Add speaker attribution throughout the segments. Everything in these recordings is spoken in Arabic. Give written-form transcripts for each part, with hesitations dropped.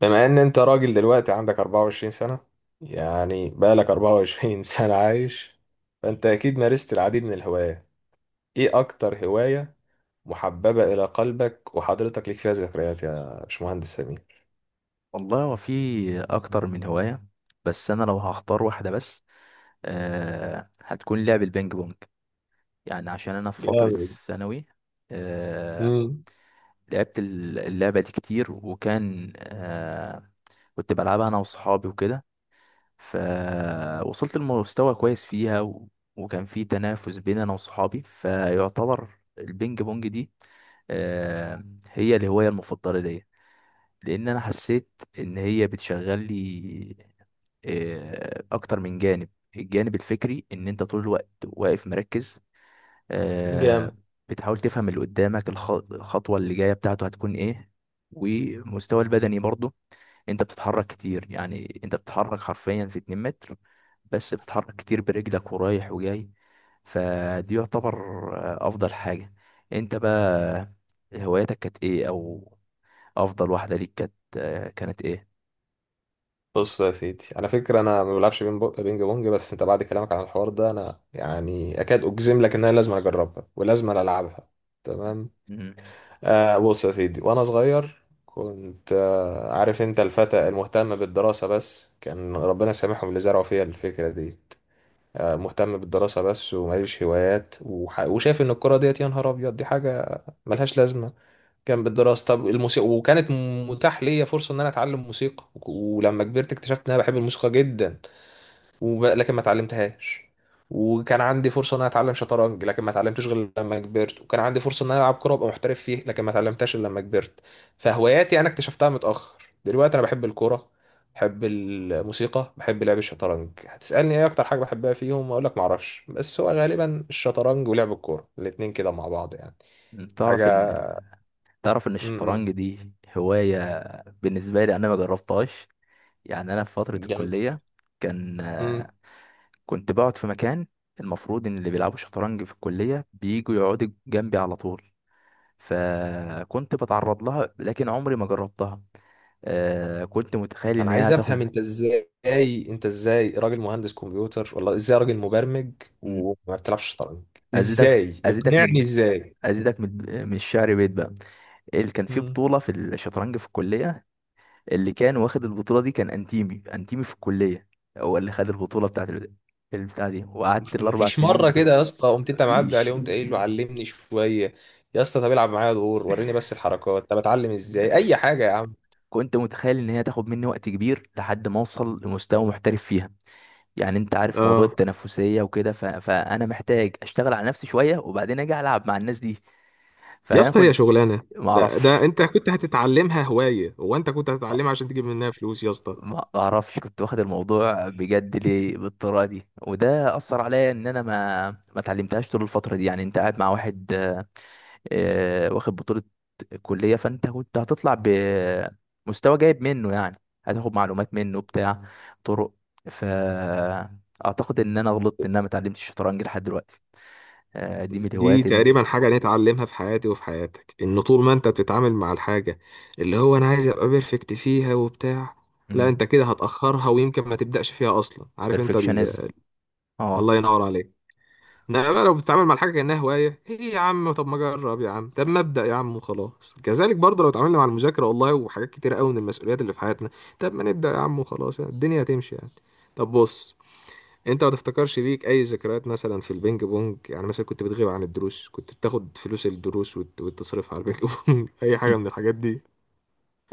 Speaker 1: بما ان انت راجل دلوقتي عندك 24 سنة، يعني بقالك 24 سنة عايش. فانت اكيد مارست العديد من الهوايات. ايه اكتر هواية محببة الى قلبك وحضرتك ليك فيها ذكريات يا باشمهندس سمير؟
Speaker 2: والله هو في اكتر من هواية. بس انا لو هختار واحدة بس هتكون لعب البينج بونج. يعني عشان انا في فترة
Speaker 1: جامد.
Speaker 2: الثانوي آه
Speaker 1: امم.
Speaker 2: لعبت اللعبة دي كتير. وكان كنت بلعبها انا وصحابي وكده. فوصلت لمستوى كويس فيها وكان في تنافس بين انا وصحابي. فيعتبر البينج بونج دي هي الهواية المفضلة ليا، لان انا حسيت ان هي بتشغل لي اكتر من جانب. الجانب الفكري ان انت طول الوقت واقف مركز، آه،
Speaker 1: جامد.
Speaker 2: بتحاول تفهم اللي قدامك الخطوة اللي جاية بتاعته هتكون ايه. ومستوى البدني برضه، انت بتتحرك كتير، يعني انت بتتحرك حرفيا في 2 متر بس بتتحرك كتير برجلك ورايح وجاي. فدي يعتبر افضل حاجة. انت بقى، هواياتك كانت ايه، او افضل واحدة ليك كانت كانت ايه؟
Speaker 1: بص بقى يا سيدي، على فكرة انا ما بلعبش بينج بونج، بس انت بعد كلامك عن الحوار ده انا يعني اكاد اجزم لك ان انا لازم اجربها ولازم العبها. تمام.
Speaker 2: مم.
Speaker 1: بص يا سيدي، وانا صغير كنت عارف انت الفتى المهتم بالدراسة بس، كان ربنا سامحهم اللي زرعوا فيها الفكرة دي. آه، مهتم بالدراسة بس وماليش هوايات وشايف ان الكرة ديت، يا نهار ابيض، دي حاجة ملهاش لازمة. كان بالدراسة. طب الموسيقى، وكانت متاح ليا فرصة ان انا اتعلم موسيقى ولما كبرت اكتشفت ان انا بحب الموسيقى جدا، لكن ما اتعلمتهاش. وكان عندي فرصه ان انا اتعلم شطرنج لكن ما اتعلمتش غير لما كبرت، وكان عندي فرصه ان انا العب كوره وابقى محترف فيه لكن ما اتعلمتهاش الا لما كبرت. فهواياتي انا اكتشفتها متاخر. دلوقتي انا بحب الكوره، بحب الموسيقى، بحب لعب الشطرنج. هتسالني ايه اكتر حاجه بحبها فيهم؟ اقول لك ما اعرفش، بس هو غالبا الشطرنج ولعب الكوره، الاتنين كده مع بعض يعني. حاجه.
Speaker 2: تعرف ان ال- تعرف ان
Speaker 1: امم
Speaker 2: الشطرنج دي هواية بالنسبة لي انا ما جربتهاش. يعني انا في فترة
Speaker 1: جامد.
Speaker 2: الكلية كان، كنت بقعد في مكان المفروض ان اللي بيلعبوا شطرنج في الكلية بييجوا يقعدوا جنبي على طول، فكنت بتعرض لها لكن عمري ما جربتها. كنت متخيل
Speaker 1: انا
Speaker 2: ان هي
Speaker 1: عايز افهم
Speaker 2: هتاخد.
Speaker 1: انت ازاي، انت ازاي راجل مهندس كمبيوتر ولا ازاي راجل مبرمج
Speaker 2: مم،
Speaker 1: وما بتلعبش شطرنج؟
Speaker 2: ازيدك
Speaker 1: ازاي؟
Speaker 2: ازيدك من
Speaker 1: اقنعني
Speaker 2: الب-
Speaker 1: ازاي؟
Speaker 2: ازيدك من الشعر بيت بقى. اللي كان في
Speaker 1: مم.
Speaker 2: بطولة في الشطرنج في الكلية، اللي كان واخد البطولة دي، كان انتيمي في الكلية. هو اللي خد البطولة بتاعت البتاع دي، وقعدت الأربع
Speaker 1: مفيش
Speaker 2: سنين
Speaker 1: مره
Speaker 2: بتوع
Speaker 1: كده يا اسطى قمت انت معدي عليه
Speaker 2: مفيش
Speaker 1: قمت قايل له علمني شويه؟ يا اسطى طب العب معايا دور وريني بس الحركات، طب اتعلم ازاي، اي حاجه يا عم.
Speaker 2: كنت متخيل ان هي تاخد مني وقت كبير لحد ما اوصل لمستوى محترف فيها. يعني انت عارف موضوع
Speaker 1: اه.
Speaker 2: التنافسية وكده، فانا محتاج اشتغل على نفسي شوية وبعدين اجي العب مع الناس دي.
Speaker 1: يا
Speaker 2: فانا
Speaker 1: اسطى هي
Speaker 2: كنت
Speaker 1: شغلانه؟
Speaker 2: ما
Speaker 1: ده
Speaker 2: اعرفش
Speaker 1: ده انت كنت هتتعلمها هوايه، هو انت كنت هتتعلمها عشان تجيب منها فلوس يا اسطى؟
Speaker 2: ما اعرفش كنت واخد الموضوع بجد ليه بالطريقه دي، وده اثر عليا ان انا ما اتعلمتهاش طول الفتره دي. يعني انت قاعد مع واحد، واخد بطوله كليه، فانت كنت هتطلع بمستوى جايب منه. يعني هتاخد معلومات منه بتاع طرق. فاعتقد ان انا غلطت ان انا ما اتعلمتش الشطرنج لحد دلوقتي. آه، دي من
Speaker 1: دي
Speaker 2: الهوايات ال-
Speaker 1: تقريبا حاجة أنا اتعلمها في حياتي وفي حياتك، إن طول ما أنت بتتعامل مع الحاجة اللي هو أنا عايز أبقى بيرفكت فيها وبتاع، لا، أنت
Speaker 2: مم.
Speaker 1: كده هتأخرها ويمكن ما تبدأش فيها أصلا. عارف أنت ال...؟
Speaker 2: Perfectionism.
Speaker 1: الله
Speaker 2: اه.
Speaker 1: ينور عليك. إنما بقى لو بتتعامل مع الحاجة كأنها هواية، إيه يا عم، طب ما أجرب يا عم، طب ما أبدأ يا عم وخلاص. كذلك برضه لو اتعاملنا مع المذاكرة والله وحاجات كتير قوي من المسؤوليات اللي في حياتنا، طب ما نبدأ يا عم وخلاص، يعني الدنيا هتمشي يعني. طب بص، انت ما تفتكرش ليك اي ذكريات مثلا في البينج بونج؟ يعني مثلا كنت بتغيب عن الدروس، كنت بتاخد فلوس الدروس وتصرفها على البينج بونج اي حاجه من الحاجات دي.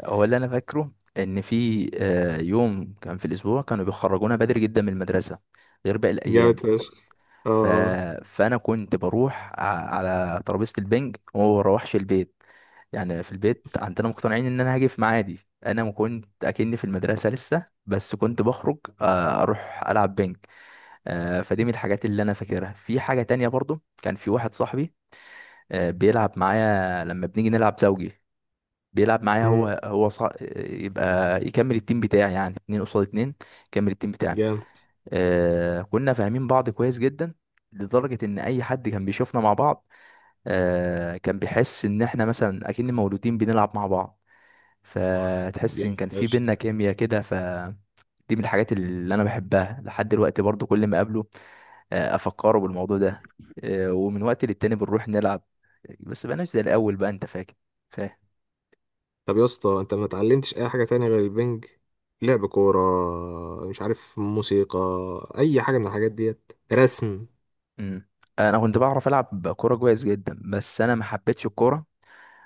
Speaker 2: هو اللي انا فاكره ان في يوم كان في الاسبوع كانوا بيخرجونا بدري جدا من المدرسه غير باقي
Speaker 1: جامد
Speaker 2: الايام.
Speaker 1: فشخ. اه.
Speaker 2: ف...
Speaker 1: آه.
Speaker 2: فانا كنت بروح على ترابيزه البنج وما بروحش البيت. يعني في البيت عندنا مقتنعين ان انا هاجي في ميعادي. انا ما كنت اكني في المدرسه لسه بس كنت بخرج اروح العب بنج. فدي من الحاجات اللي انا فاكرها. في حاجه تانية برضو، كان في واحد صاحبي بيلعب معايا لما بنيجي نلعب زوجي. بيلعب معايا
Speaker 1: امم
Speaker 2: يبقى يكمل التيم بتاعي، يعني اتنين قصاد اتنين. يكمل التيم بتاعي.
Speaker 1: جامد.
Speaker 2: كنا فاهمين بعض كويس جدا، لدرجة ان اي حد كان بيشوفنا مع بعض كان بيحس ان احنا مثلا اكن مولودين بنلعب مع بعض. فتحس ان
Speaker 1: جامد
Speaker 2: كان في
Speaker 1: فشخ.
Speaker 2: بينا كيمياء كده. دي من الحاجات اللي انا بحبها لحد دلوقتي، برضو كل ما اقابله افكره بالموضوع ده. ومن وقت للتاني بنروح نلعب، بس بقناش زي الاول بقى، انت فاكر؟ فاهم.
Speaker 1: طب يا اسطى انت ما اتعلمتش اي حاجه تانية غير البنج؟ لعب كوره، مش عارف، موسيقى، اي حاجه من الحاجات ديت، رسم؟
Speaker 2: مم. انا كنت بعرف العب كوره كويس جدا بس انا ما حبيتش الكوره،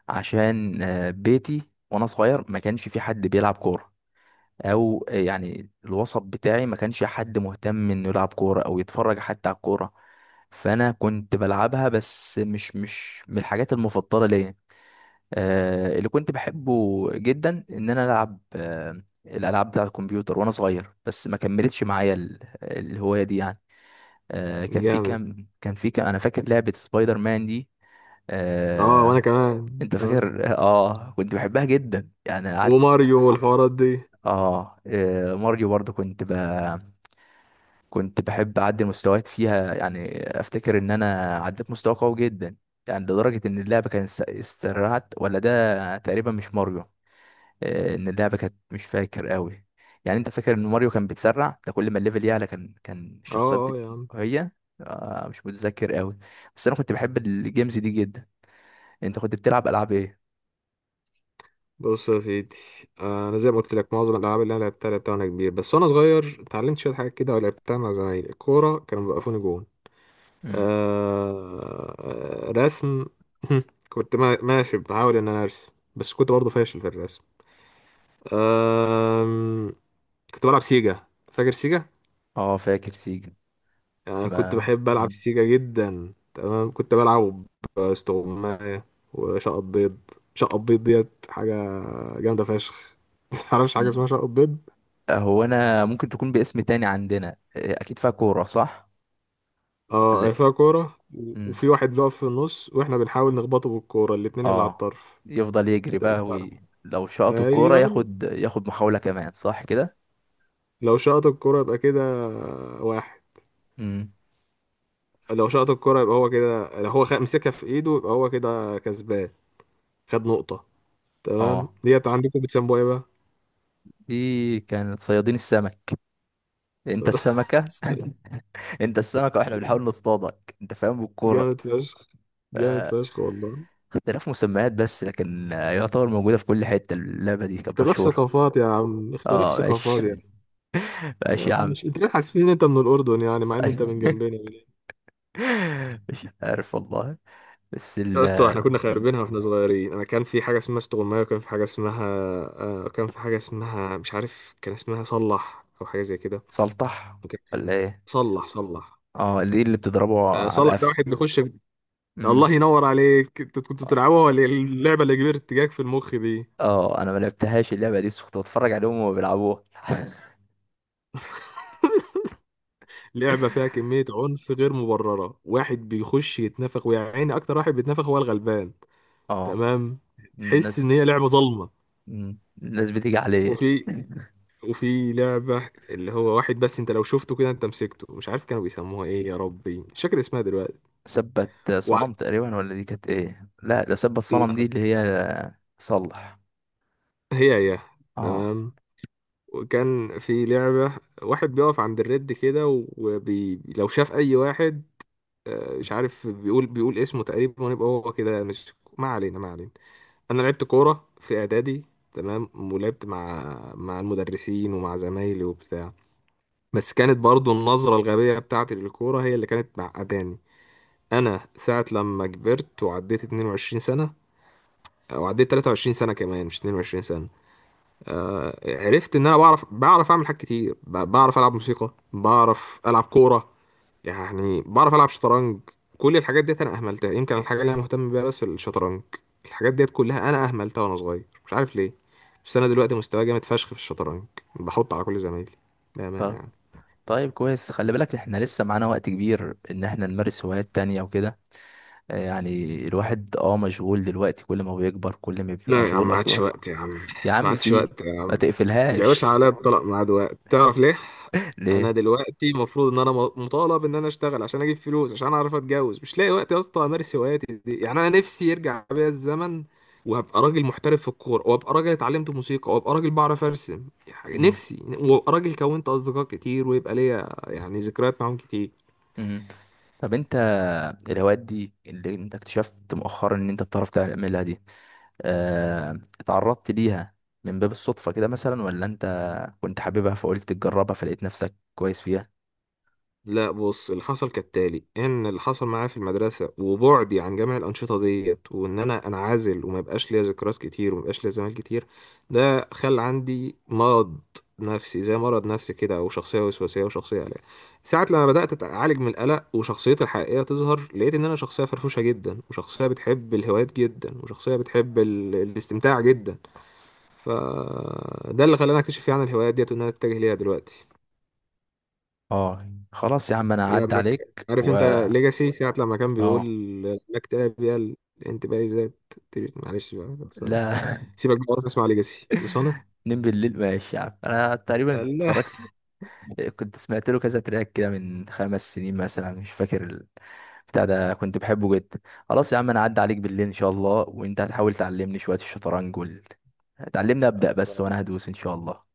Speaker 2: عشان بيتي وانا صغير ما كانش في حد بيلعب كوره، او يعني الوسط بتاعي ما كانش حد مهتم انه يلعب كوره او يتفرج حتى على الكوره. فانا كنت بلعبها بس مش من الحاجات المفضله ليا. اللي كنت بحبه جدا ان انا العب الالعاب بتاع الكمبيوتر وانا صغير، بس ما كملتش معايا الهوايه دي. يعني كان في
Speaker 1: جامد.
Speaker 2: كام كان في كام انا فاكر لعبة سبايدر مان دي.
Speaker 1: اه وانا
Speaker 2: آه
Speaker 1: كمان
Speaker 2: انت
Speaker 1: اه.
Speaker 2: فاكر؟ اه كنت بحبها جدا يعني قعدت.
Speaker 1: وماريو والحوارات دي.
Speaker 2: ماريو برضو كنت بحب اعدي المستويات فيها. يعني افتكر ان انا عديت مستوى قوي جدا، يعني لدرجة ان اللعبة كانت استرعت، ولا ده تقريبا مش ماريو. ان اللعبه كانت مش فاكر قوي. يعني انت فاكر ان ماريو كان بيتسرع ده كل ما الليفل يعلى كان الشخصيات
Speaker 1: اه اه يا عم.
Speaker 2: هي. مش متذكر قوي. بس انا كنت بحب الجيمز دي جدا. انت كنت بتلعب العاب ايه؟
Speaker 1: بص يا سيدي، انا زي ما قلت لك معظم الالعاب اللي انا لعبتها لعبتها وانا كبير. بس وانا صغير اتعلمت شويه حاجات كده ولعبتها مع زمايلي. الكوره كانوا بيوقفوني جون.
Speaker 2: مم.
Speaker 1: آه، آه، رسم. كنت ماشي بحاول ان انا ارسم بس كنت برضه فاشل في الرسم. آم، كنت بلعب سيجا. فاكر سيجا؟
Speaker 2: اه فاكر سيجا.
Speaker 1: يعني
Speaker 2: بس
Speaker 1: انا كنت
Speaker 2: ما
Speaker 1: بحب العب
Speaker 2: مم.
Speaker 1: سيجا جدا. تمام. كنت بلعب استغماية وشقط بيض. شقط بيض ديت حاجه جامده فشخ. معرفش حاجه
Speaker 2: مم.
Speaker 1: اسمها شقط بيض.
Speaker 2: هو انا ممكن تكون باسم تاني عندنا. اكيد فيها كوره، صح
Speaker 1: اه،
Speaker 2: ولا
Speaker 1: هي
Speaker 2: إيه؟
Speaker 1: فيها كورة
Speaker 2: مم.
Speaker 1: وفي واحد بيقف في النص واحنا بنحاول نخبطه بالكورة، الاتنين اللي على
Speaker 2: اه،
Speaker 1: الطرف.
Speaker 2: يفضل يجري بقى
Speaker 1: بتاع-
Speaker 2: لو شاط الكوره
Speaker 1: ايوه،
Speaker 2: ياخد، ياخد محاوله كمان، صح كده.
Speaker 1: لو شاط الكورة يبقى كده واحد.
Speaker 2: مم.
Speaker 1: لو شاط الكورة يبقى هو كده، لو هو مسكها في ايده يبقى هو كده كسبان، خد نقطة. تمام.
Speaker 2: اه
Speaker 1: ديت عندكم بتسموها ايه بقى؟
Speaker 2: دي كانت صيادين السمك. انت السمكة انت السمكة واحنا بنحاول نصطادك، انت فاهم بالكورة.
Speaker 1: جامد فشخ.
Speaker 2: ف-
Speaker 1: جامد فشخ والله.
Speaker 2: اختلاف مسميات بس، لكن يعتبر موجودة في كل حتة. اللعبة دي كانت
Speaker 1: اختلاف
Speaker 2: مشهورة.
Speaker 1: ثقافات يا عم، اختلاف
Speaker 2: اه ماشي
Speaker 1: ثقافات يا عم. يا
Speaker 2: ماشي يا
Speaker 1: عم،
Speaker 2: عم.
Speaker 1: مش انت ليه حاسس ان انت من الأردن يعني مع ان انت من جنبنا؟
Speaker 2: مش عارف والله. بس
Speaker 1: يا
Speaker 2: ال
Speaker 1: اسطى احنا كنا خاربينها واحنا صغيرين. انا كان في حاجه اسمها استغمايه، وكان في حاجه اسمها آه، كان في حاجه اسمها، مش عارف، كان اسمها صلح او حاجه زي كده.
Speaker 2: سلطح
Speaker 1: اوكي.
Speaker 2: ولا ايه؟
Speaker 1: صلح صلح.
Speaker 2: اه، دي اللي بتضربه
Speaker 1: آه،
Speaker 2: على
Speaker 1: صلح ده
Speaker 2: القفا.
Speaker 1: واحد بيخش في...؟
Speaker 2: امم.
Speaker 1: الله ينور عليك. انت كنت
Speaker 2: اه.
Speaker 1: بتلعبوها ولا إيه؟ اللعبه اللي كبرت جاك في المخ دي.
Speaker 2: انا ما لعبتهاش اللعبة دي بس كنت بتفرج عليهم وهما بيلعبوها
Speaker 1: لعبه فيها كميه عنف غير مبرره، واحد بيخش يتنفخ، ويا عيني، اكتر واحد بيتنفخ هو الغلبان.
Speaker 2: اه
Speaker 1: تمام. تحس
Speaker 2: الناس
Speaker 1: ان هي لعبه ظلمه.
Speaker 2: مم. الناس بتيجي عليه.
Speaker 1: وفي وفي لعبة اللي هو واحد، بس انت لو شفته كده انت مسكته، مش عارف كانوا بيسموها ايه، يا ربي مش فاكر اسمها دلوقتي.
Speaker 2: ثبت
Speaker 1: وع-
Speaker 2: صنم تقريبا، ولا دي كانت ايه؟ لا، ده ثبت صنم. دي
Speaker 1: لا،
Speaker 2: اللي هي صلح.
Speaker 1: هي هي،
Speaker 2: اه.
Speaker 1: تمام. وكان في لعبة واحد بيقف عند الرد كده لو شاف اي واحد، آه، مش عارف، بيقول اسمه تقريبا ويبقى هو كده مش، ما علينا ما علينا. انا لعبت كورة في اعدادي، تمام، ولعبت مع المدرسين ومع زمايلي وبتاع، بس كانت برضو النظرة الغبية بتاعتي للكورة هي اللي كانت معقداني. انا ساعة لما كبرت وعديت 22 سنة، او عديت 23 سنة، كمان مش 22 سنة، آه، عرفت ان انا بعرف اعمل حاجات كتير. بعرف العب موسيقى، بعرف العب كورة، يعني بعرف العب شطرنج. كل الحاجات ديت انا اهملتها، يمكن الحاجة اللي انا مهتم بيها بس الشطرنج. الحاجات ديت كلها انا اهملتها وانا صغير، مش عارف ليه. بس انا دلوقتي مستواي جامد فشخ في الشطرنج، بحط على كل زمايلي، بأمانة
Speaker 2: طب
Speaker 1: يعني.
Speaker 2: طيب كويس، خلي بالك احنا لسه معانا وقت كبير ان احنا نمارس هوايات تانية وكده. يعني الواحد مشغول دلوقتي، كل ما بيكبر كل ما بيبقى
Speaker 1: لا يا عم،
Speaker 2: مشغول
Speaker 1: ما عادش
Speaker 2: اكبر.
Speaker 1: وقت يا عم،
Speaker 2: يا
Speaker 1: ما
Speaker 2: عم
Speaker 1: عادش
Speaker 2: في،
Speaker 1: وقت.
Speaker 2: ما
Speaker 1: يا باشا
Speaker 2: تقفلهاش.
Speaker 1: عليا الطلاق مع دلوقتي. تعرف ليه؟ انا
Speaker 2: ليه؟
Speaker 1: دلوقتي المفروض ان انا مطالب ان انا اشتغل عشان اجيب فلوس عشان اعرف اتجوز، مش لاقي وقت يا اسطى امارس هواياتي دي. يعني انا نفسي يرجع بيا الزمن وابقى راجل محترف في الكوره، وابقى راجل اتعلمت موسيقى، وابقى راجل بعرف ارسم، يعني
Speaker 2: مم.
Speaker 1: نفسي، وابقى راجل كونت اصدقاء كتير ويبقى ليا يعني ذكريات معاهم كتير.
Speaker 2: مم. طب انت، الهوايات دي اللي انت اكتشفت مؤخرا ان انت بتعرف تعملها دي، اتعرضت ليها من باب الصدفة كده مثلا، ولا انت كنت حاببها فقلت تجربها فلقيت نفسك كويس فيها؟
Speaker 1: لا بص، اللي حصل كالتالي، ان اللي حصل معايا في المدرسه وبعدي عن جميع الانشطه ديت، وان انا انعزل وما يبقاش ليا ذكريات كتير وما يبقاش ليا زمايل كتير، ده خلى عندي مرض نفسي، زي مرض نفسي كده، او شخصيه وسواسيه وشخصيه قلق. ساعه لما بدات اتعالج من القلق وشخصيتي الحقيقيه تظهر، لقيت ان انا شخصيه فرفوشه جدا، وشخصيه بتحب الهوايات جدا، وشخصيه بتحب ال... الاستمتاع جدا. فده اللي خلاني اكتشف يعني الهوايات ديت وان انا اتجه ليها دلوقتي.
Speaker 2: اه خلاص يا عم انا هعدي
Speaker 1: لما
Speaker 2: عليك
Speaker 1: عارف انت ليجاسي ساعة لما كان بيقول
Speaker 2: اه
Speaker 1: انك تلاقي بيها الانتباهي ذات؟ معلش بقى، خلصانة.
Speaker 2: لا
Speaker 1: سيبك بقى، اروح اسمع ليجاسي، خلصانة.
Speaker 2: نم بالليل. ماشي يا عم. انا تقريبا
Speaker 1: يلا.
Speaker 2: اتفرجت. كنت سمعت له كذا تراك كده من 5 سنين مثلا، مش فاكر بتاع ده، كنت بحبه جدا. خلاص يا عم انا هعدي عليك بالليل ان شاء الله، وانت هتحاول تعلمني شوية الشطرنج تعلمني ابدأ بس وانا هدوس ان شاء الله.